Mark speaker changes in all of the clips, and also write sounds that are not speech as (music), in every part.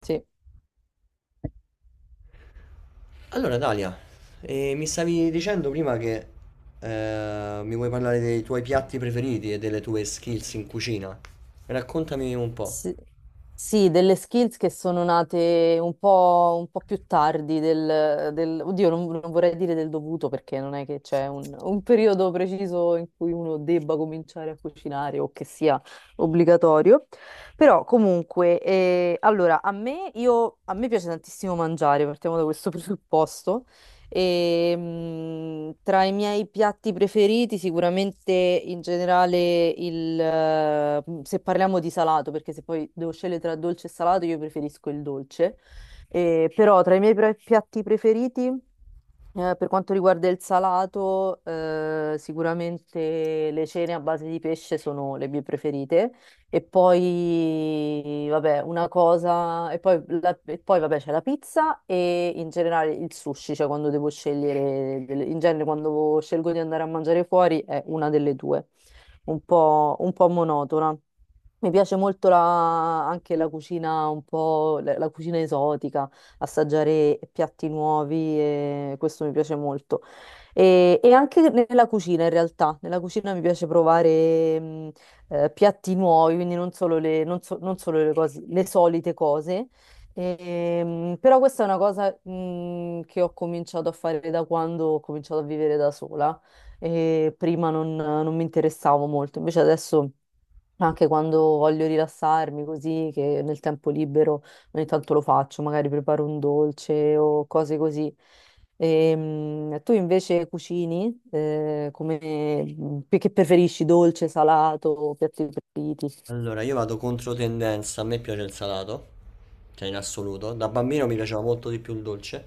Speaker 1: Sì.
Speaker 2: Allora, Dalia, mi stavi dicendo prima che mi vuoi parlare dei tuoi piatti preferiti e delle tue skills in cucina. Raccontami un po'.
Speaker 1: Sì, sì, delle skills che sono nate un po', più tardi oddio, non vorrei dire del dovuto perché non è che c'è un periodo preciso in cui uno debba cominciare a cucinare o che sia obbligatorio. Però comunque, a me piace tantissimo mangiare, partiamo da questo (laughs) presupposto. Tra i miei piatti preferiti, sicuramente in generale se parliamo di salato, perché se poi devo scegliere tra dolce e salato, io preferisco il dolce. Però tra i miei piatti preferiti. Per quanto riguarda il salato, sicuramente le cene a base di pesce sono le mie preferite. E poi, vabbè, una cosa, e poi, vabbè, c'è la pizza e in generale il sushi, cioè quando devo scegliere, in genere quando scelgo di andare a mangiare fuori è una delle due, un po' monotona. Mi piace molto anche la cucina un po', la cucina esotica, assaggiare piatti nuovi e questo mi piace molto. E anche nella cucina, in realtà, nella cucina mi piace provare piatti nuovi, quindi non solo le, non so- non solo le solite cose. Però questa è una cosa, che ho cominciato a fare da quando ho cominciato a vivere da sola e prima non mi interessavo molto, invece adesso. Anche quando voglio rilassarmi così, che nel tempo libero ogni tanto lo faccio, magari preparo un dolce o cose così. Tu invece cucini, che preferisci, dolce, salato, piatti preferiti?
Speaker 2: Allora, io vado contro tendenza, a me piace il salato, cioè in assoluto. Da bambino mi piaceva molto di più il dolce,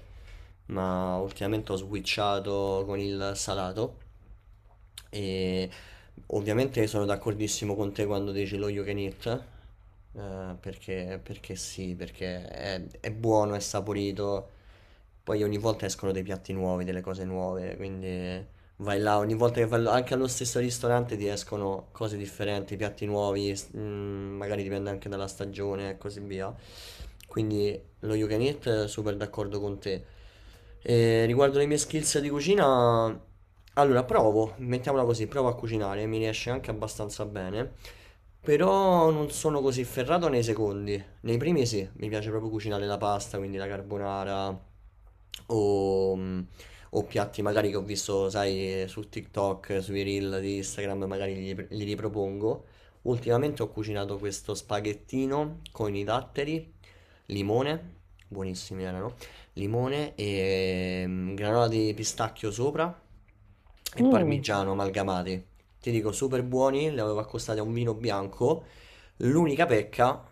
Speaker 2: ma ultimamente ho switchato con il salato. E ovviamente sono d'accordissimo con te quando dici lo you can eat, perché sì, perché è buono, è saporito. Poi ogni volta escono dei piatti nuovi, delle cose nuove, quindi vai là, ogni volta che anche allo stesso ristorante ti escono cose differenti, piatti nuovi, magari dipende anche dalla stagione e così via. Quindi lo you can eat, super d'accordo con te. E riguardo le mie skills di cucina, allora provo, mettiamola così, provo a cucinare, mi riesce anche abbastanza bene, però non sono così ferrato nei secondi. Nei primi sì, mi piace proprio cucinare la pasta, quindi la carbonara o mm, o piatti magari che ho visto, sai, su TikTok, sui reel di Instagram, magari li ripropongo. Ultimamente ho cucinato questo spaghettino con i datteri, limone, buonissimi erano, limone e granola di pistacchio sopra e
Speaker 1: Mm,
Speaker 2: parmigiano amalgamati. Ti dico, super buoni, li avevo accostati a un vino bianco. L'unica pecca,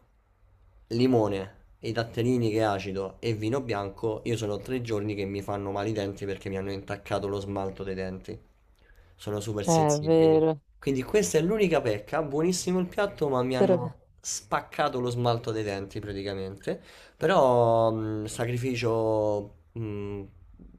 Speaker 2: limone, i datterini che è acido e vino bianco, io sono 3 giorni che mi fanno male i denti perché mi hanno intaccato lo smalto dei denti. Sono super
Speaker 1: è
Speaker 2: sensibili.
Speaker 1: vero,
Speaker 2: Quindi questa è l'unica pecca, buonissimo il piatto, ma mi
Speaker 1: però
Speaker 2: hanno spaccato lo smalto dei denti praticamente. Però sacrificio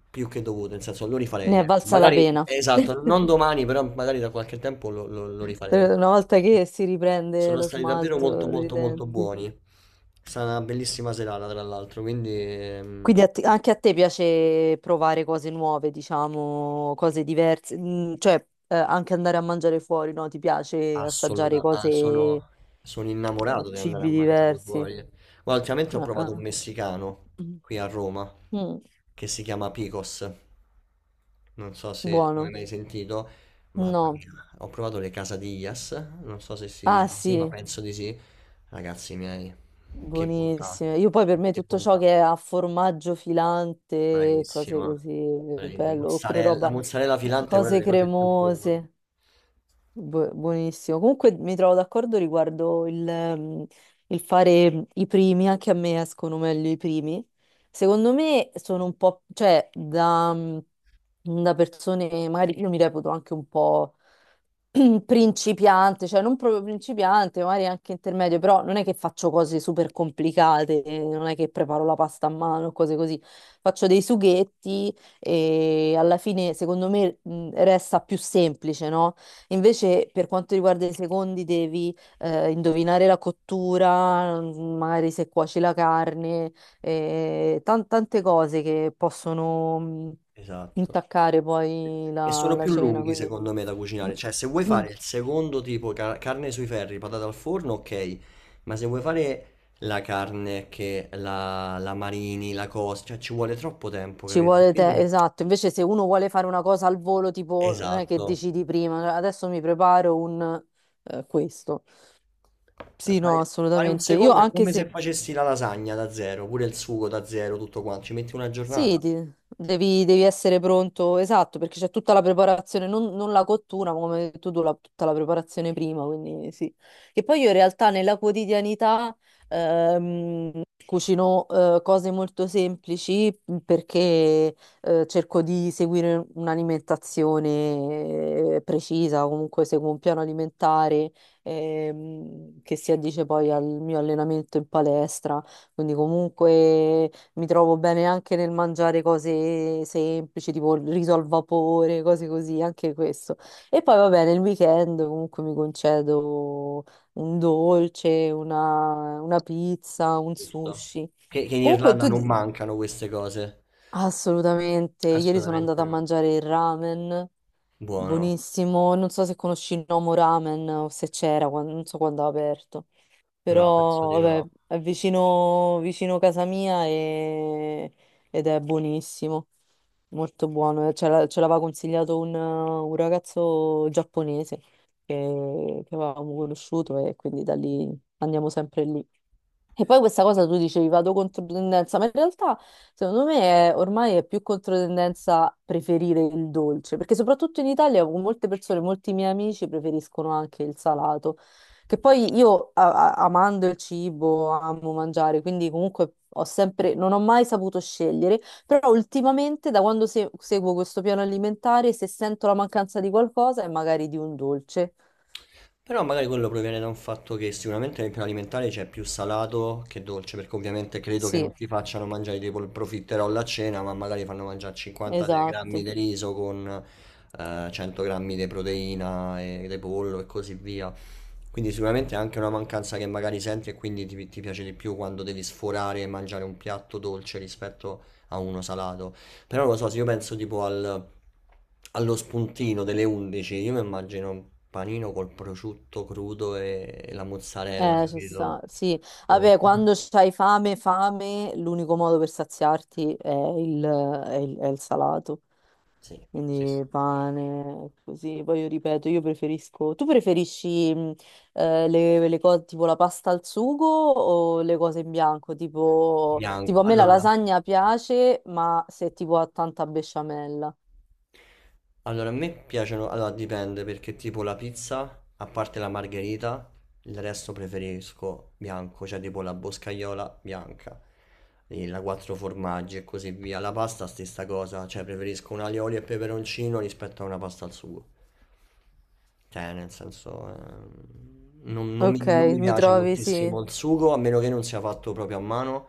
Speaker 2: più che dovuto, nel senso lo rifarei.
Speaker 1: ne è
Speaker 2: Ecco.
Speaker 1: valsa la
Speaker 2: Magari,
Speaker 1: pena.
Speaker 2: esatto, non domani, però magari da qualche tempo lo
Speaker 1: (laughs)
Speaker 2: rifarei.
Speaker 1: Una volta
Speaker 2: Perché
Speaker 1: che si riprende
Speaker 2: Sono
Speaker 1: lo
Speaker 2: stati davvero molto
Speaker 1: smalto dei
Speaker 2: molto molto
Speaker 1: denti.
Speaker 2: buoni. È stata una bellissima serata, tra l'altro, quindi.
Speaker 1: Quindi anche a te piace provare cose nuove, diciamo, cose diverse, mm, cioè anche andare a mangiare fuori, no? Ti piace assaggiare cose,
Speaker 2: Assolutamente, sono innamorato di andare
Speaker 1: cibi
Speaker 2: a mangiare
Speaker 1: diversi.
Speaker 2: fuori. Guarda, ultimamente ho
Speaker 1: Ah,
Speaker 2: provato un
Speaker 1: ah.
Speaker 2: messicano qui a Roma
Speaker 1: Mm,
Speaker 2: che si chiama Picos. Non so se lo hai
Speaker 1: buono.
Speaker 2: mai sentito, ma
Speaker 1: No.
Speaker 2: ho provato le quesadillas. Non so se si dice
Speaker 1: Ah
Speaker 2: così, ma
Speaker 1: sì,
Speaker 2: penso di sì. Ragazzi miei, che bontà,
Speaker 1: buonissime. Io poi per me
Speaker 2: che
Speaker 1: tutto ciò
Speaker 2: bontà,
Speaker 1: che è a formaggio filante, cose
Speaker 2: bravissima.
Speaker 1: così,
Speaker 2: Bravissima.
Speaker 1: bello, oppure
Speaker 2: La
Speaker 1: roba,
Speaker 2: mozzarella filante è una
Speaker 1: cose
Speaker 2: delle cose più buone.
Speaker 1: cremose. Buonissimo. Comunque mi trovo d'accordo riguardo il fare i primi, anche a me escono meglio i primi. Secondo me sono un po', cioè da persone, magari io mi reputo anche un po' (clears throat) principiante, cioè non proprio principiante, magari anche intermedio, però non è che faccio cose super complicate, non è che preparo la pasta a mano, cose così. Faccio dei sughetti e alla fine secondo me resta più semplice, no? Invece, per quanto riguarda i secondi, devi indovinare la cottura, magari se cuoci la carne, tante cose che possono
Speaker 2: Esatto.
Speaker 1: intaccare poi
Speaker 2: E sono
Speaker 1: la
Speaker 2: più
Speaker 1: cena.
Speaker 2: lunghi
Speaker 1: Quindi
Speaker 2: secondo me da cucinare,
Speaker 1: (clears throat)
Speaker 2: cioè se vuoi
Speaker 1: Mm.
Speaker 2: fare il secondo tipo, carne sui ferri, patate al forno, ok, ma se vuoi fare la carne che la marini, la cosa, cioè ci vuole troppo tempo,
Speaker 1: ci
Speaker 2: capito?
Speaker 1: vuole te,
Speaker 2: Quindi,
Speaker 1: esatto. Invece, se uno vuole fare una cosa al volo, tipo, non è che
Speaker 2: esatto,
Speaker 1: decidi prima, adesso mi preparo un questo. Sì, no,
Speaker 2: fare un
Speaker 1: assolutamente. Io
Speaker 2: secondo è
Speaker 1: anche
Speaker 2: come se
Speaker 1: se.
Speaker 2: facessi la lasagna da zero, pure il sugo da zero, tutto quanto, ci metti una
Speaker 1: Sì,
Speaker 2: giornata,
Speaker 1: devi essere pronto, esatto, perché c'è tutta la preparazione, non la cottura, ma come hai detto tu, tutta la preparazione prima, quindi sì. E poi io in realtà nella quotidianità cucino cose molto semplici perché cerco di seguire un'alimentazione precisa, comunque seguo un piano alimentare che si addice poi al mio allenamento in palestra, quindi comunque... Mi trovo bene anche nel mangiare cose semplici, tipo il riso al vapore, cose così, anche questo. E poi va bene, il weekend comunque mi concedo un dolce, una pizza, un
Speaker 2: giusto?
Speaker 1: sushi.
Speaker 2: Che in
Speaker 1: Comunque
Speaker 2: Irlanda
Speaker 1: tu...
Speaker 2: non mancano queste cose,
Speaker 1: Assolutamente. Ieri sono
Speaker 2: assolutamente
Speaker 1: andata a
Speaker 2: no.
Speaker 1: mangiare il ramen,
Speaker 2: Buono,
Speaker 1: buonissimo. Non so se conosci il Nomo Ramen o se c'era, non so quando ha aperto,
Speaker 2: no, penso di
Speaker 1: però vabbè,
Speaker 2: no.
Speaker 1: è vicino, vicino casa mia ed è buonissimo, molto buono. Ce l'aveva consigliato un ragazzo giapponese che avevamo conosciuto e quindi da lì andiamo sempre lì. E poi questa cosa tu dicevi vado contro tendenza, ma in realtà secondo me ormai è più contro tendenza preferire il dolce, perché soprattutto in Italia con molte persone, molti miei amici preferiscono anche il salato, che poi io amando il cibo, amo mangiare, quindi comunque ho sempre, non ho mai saputo scegliere, però ultimamente da quando seguo questo piano alimentare, se sento la mancanza di qualcosa è magari di un dolce.
Speaker 2: Però magari quello proviene da un fatto che sicuramente nel piano alimentare c'è più salato che dolce, perché ovviamente credo che
Speaker 1: Sì,
Speaker 2: non ti facciano mangiare tipo il profiterol a cena, ma magari fanno mangiare 50 grammi
Speaker 1: esatto.
Speaker 2: di riso con 100 grammi di proteina e di pollo e così via. Quindi sicuramente è anche una mancanza che magari senti e quindi ti piace di più quando devi sforare e mangiare un piatto dolce rispetto a uno salato. Però non lo so, se io penso tipo allo spuntino delle 11, io mi immagino un panino col prosciutto crudo e la mozzarella,
Speaker 1: Ci
Speaker 2: capito?
Speaker 1: sta, sì.
Speaker 2: Oh,
Speaker 1: Vabbè, quando c'hai fame, fame, l'unico modo per saziarti è è il salato.
Speaker 2: sì, sì, sì.
Speaker 1: Quindi pane, così. Poi io ripeto, io preferisco... Tu preferisci le cose tipo la pasta al sugo o le cose in bianco? Tipo
Speaker 2: Bianco.
Speaker 1: a me la
Speaker 2: Allora,
Speaker 1: lasagna piace, ma se tipo ha tanta besciamella.
Speaker 2: a me piacciono, allora dipende perché tipo la pizza, a parte la margherita, il resto preferisco bianco, cioè tipo la boscaiola bianca, e la quattro formaggi e così via. La pasta stessa cosa, cioè preferisco un alioli e peperoncino rispetto a una pasta al sugo. Cioè, nel senso,
Speaker 1: Ok,
Speaker 2: non mi
Speaker 1: mi
Speaker 2: piace
Speaker 1: trovi, sì.
Speaker 2: moltissimo il sugo, a meno che non sia fatto proprio a mano,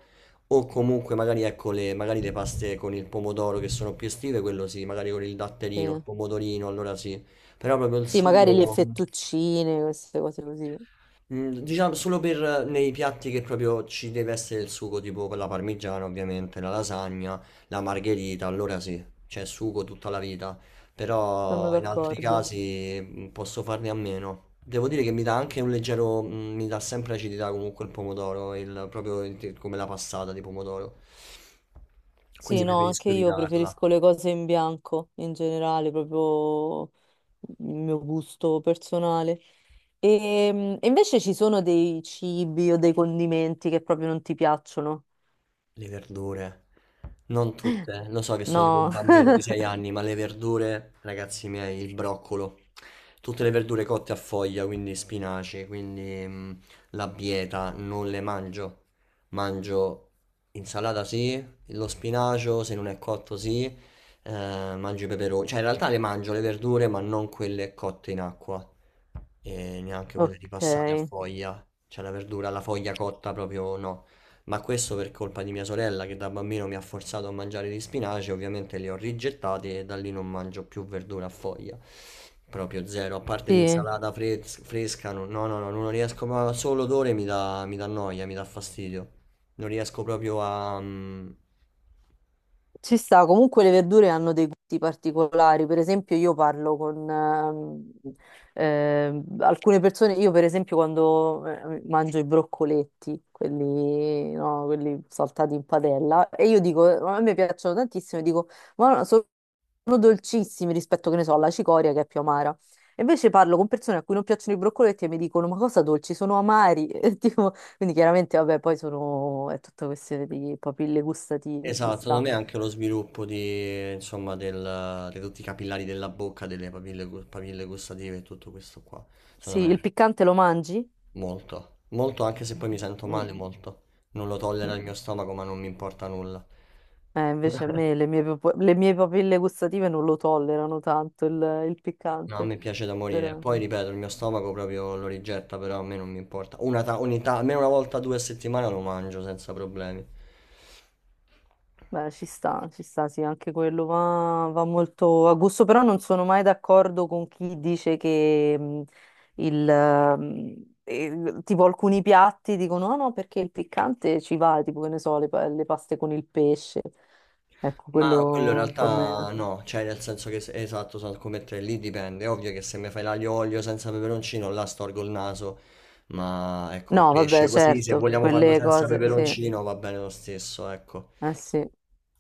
Speaker 2: o comunque magari, ecco, magari le paste con il pomodoro che sono più estive, quello sì, magari con il
Speaker 1: Sì,
Speaker 2: datterino, il pomodorino, allora sì, però proprio il
Speaker 1: sì, magari le
Speaker 2: sugo.
Speaker 1: fettuccine, queste cose così.
Speaker 2: Diciamo solo per nei piatti che proprio ci deve essere il sugo, tipo con la parmigiana, ovviamente, la lasagna, la margherita, allora sì, c'è sugo tutta la vita.
Speaker 1: Sono
Speaker 2: Però in altri
Speaker 1: d'accordo.
Speaker 2: casi posso farne a meno. Devo dire che mi dà anche un leggero, mi dà sempre acidità comunque il pomodoro, proprio come la passata di pomodoro. Quindi
Speaker 1: Sì, no, anche
Speaker 2: preferisco
Speaker 1: io
Speaker 2: evitarla.
Speaker 1: preferisco le cose in bianco in generale, proprio il mio gusto personale. E invece ci sono dei cibi o dei condimenti che proprio non ti piacciono?
Speaker 2: Le verdure, non tutte, lo so che sono tipo un
Speaker 1: No,
Speaker 2: bambino
Speaker 1: (laughs)
Speaker 2: di 6 anni, ma le verdure, ragazzi miei, il broccolo, tutte le verdure cotte a foglia, quindi spinaci, quindi la bieta, non le mangio. Mangio insalata sì, lo spinacio se non è cotto sì, mangio i peperoni, cioè in realtà le mangio le verdure, ma non quelle cotte in acqua e neanche quelle
Speaker 1: ok,
Speaker 2: ripassate a foglia, cioè la verdura, la foglia cotta proprio no. Ma questo per colpa di mia sorella che da bambino mi ha forzato a mangiare gli spinaci, ovviamente li ho rigettati e da lì non mangio più verdura a foglia. Proprio zero, a parte
Speaker 1: sì.
Speaker 2: l'insalata fresca, no, no, no, no, non riesco, ma solo l'odore mi dà noia, mi dà fastidio. Non riesco proprio.
Speaker 1: Ci sta, comunque le verdure hanno dei gusti particolari, per esempio io parlo con alcune persone, io per esempio quando mangio i broccoletti, quelli, no, quelli saltati in padella, e io dico, a me piacciono tantissimo, e dico, ma no, sono dolcissimi rispetto, che ne so, alla cicoria che è più amara. E invece parlo con persone a cui non piacciono i broccoletti e mi dicono, ma cosa dolci, sono amari. (laughs) E tipo, quindi chiaramente, vabbè, poi sono, è tutta questione di papille gustative, ci
Speaker 2: Esatto, secondo
Speaker 1: sta.
Speaker 2: me anche lo sviluppo insomma, di tutti i capillari della bocca, delle papille, papille gustative e tutto questo qua,
Speaker 1: Sì,
Speaker 2: secondo
Speaker 1: il
Speaker 2: me.
Speaker 1: piccante lo mangi?
Speaker 2: Molto, molto anche se poi mi sento
Speaker 1: Mm,
Speaker 2: male molto. Non lo tollera
Speaker 1: mm.
Speaker 2: il mio stomaco, ma non mi importa nulla.
Speaker 1: Invece a me le mie, le mie papille gustative non lo tollerano tanto il
Speaker 2: No, a
Speaker 1: piccante,
Speaker 2: me piace da morire.
Speaker 1: però
Speaker 2: Poi ripeto, il mio stomaco proprio lo rigetta, però a me non mi importa. Una ta- ogni ta- Almeno una volta due a settimana lo mangio senza problemi.
Speaker 1: beh, ci sta, sì, anche quello va, molto a gusto, però non sono mai d'accordo con chi dice che il, mm, tipo alcuni piatti dicono no, no, perché il piccante ci va, tipo che ne so, le paste con il pesce, ecco,
Speaker 2: Ma quello in
Speaker 1: quello un po'
Speaker 2: realtà
Speaker 1: meno.
Speaker 2: no, cioè nel senso che esatto, sono come te, lì dipende. È ovvio che se mi fai l'aglio olio senza peperoncino, là storgo il naso. Ma ecco,
Speaker 1: No,
Speaker 2: pesce
Speaker 1: vabbè,
Speaker 2: così, se
Speaker 1: certo,
Speaker 2: vogliamo farlo
Speaker 1: quelle
Speaker 2: senza
Speaker 1: cose, sì,
Speaker 2: peperoncino va bene lo stesso, ecco.
Speaker 1: eh sì.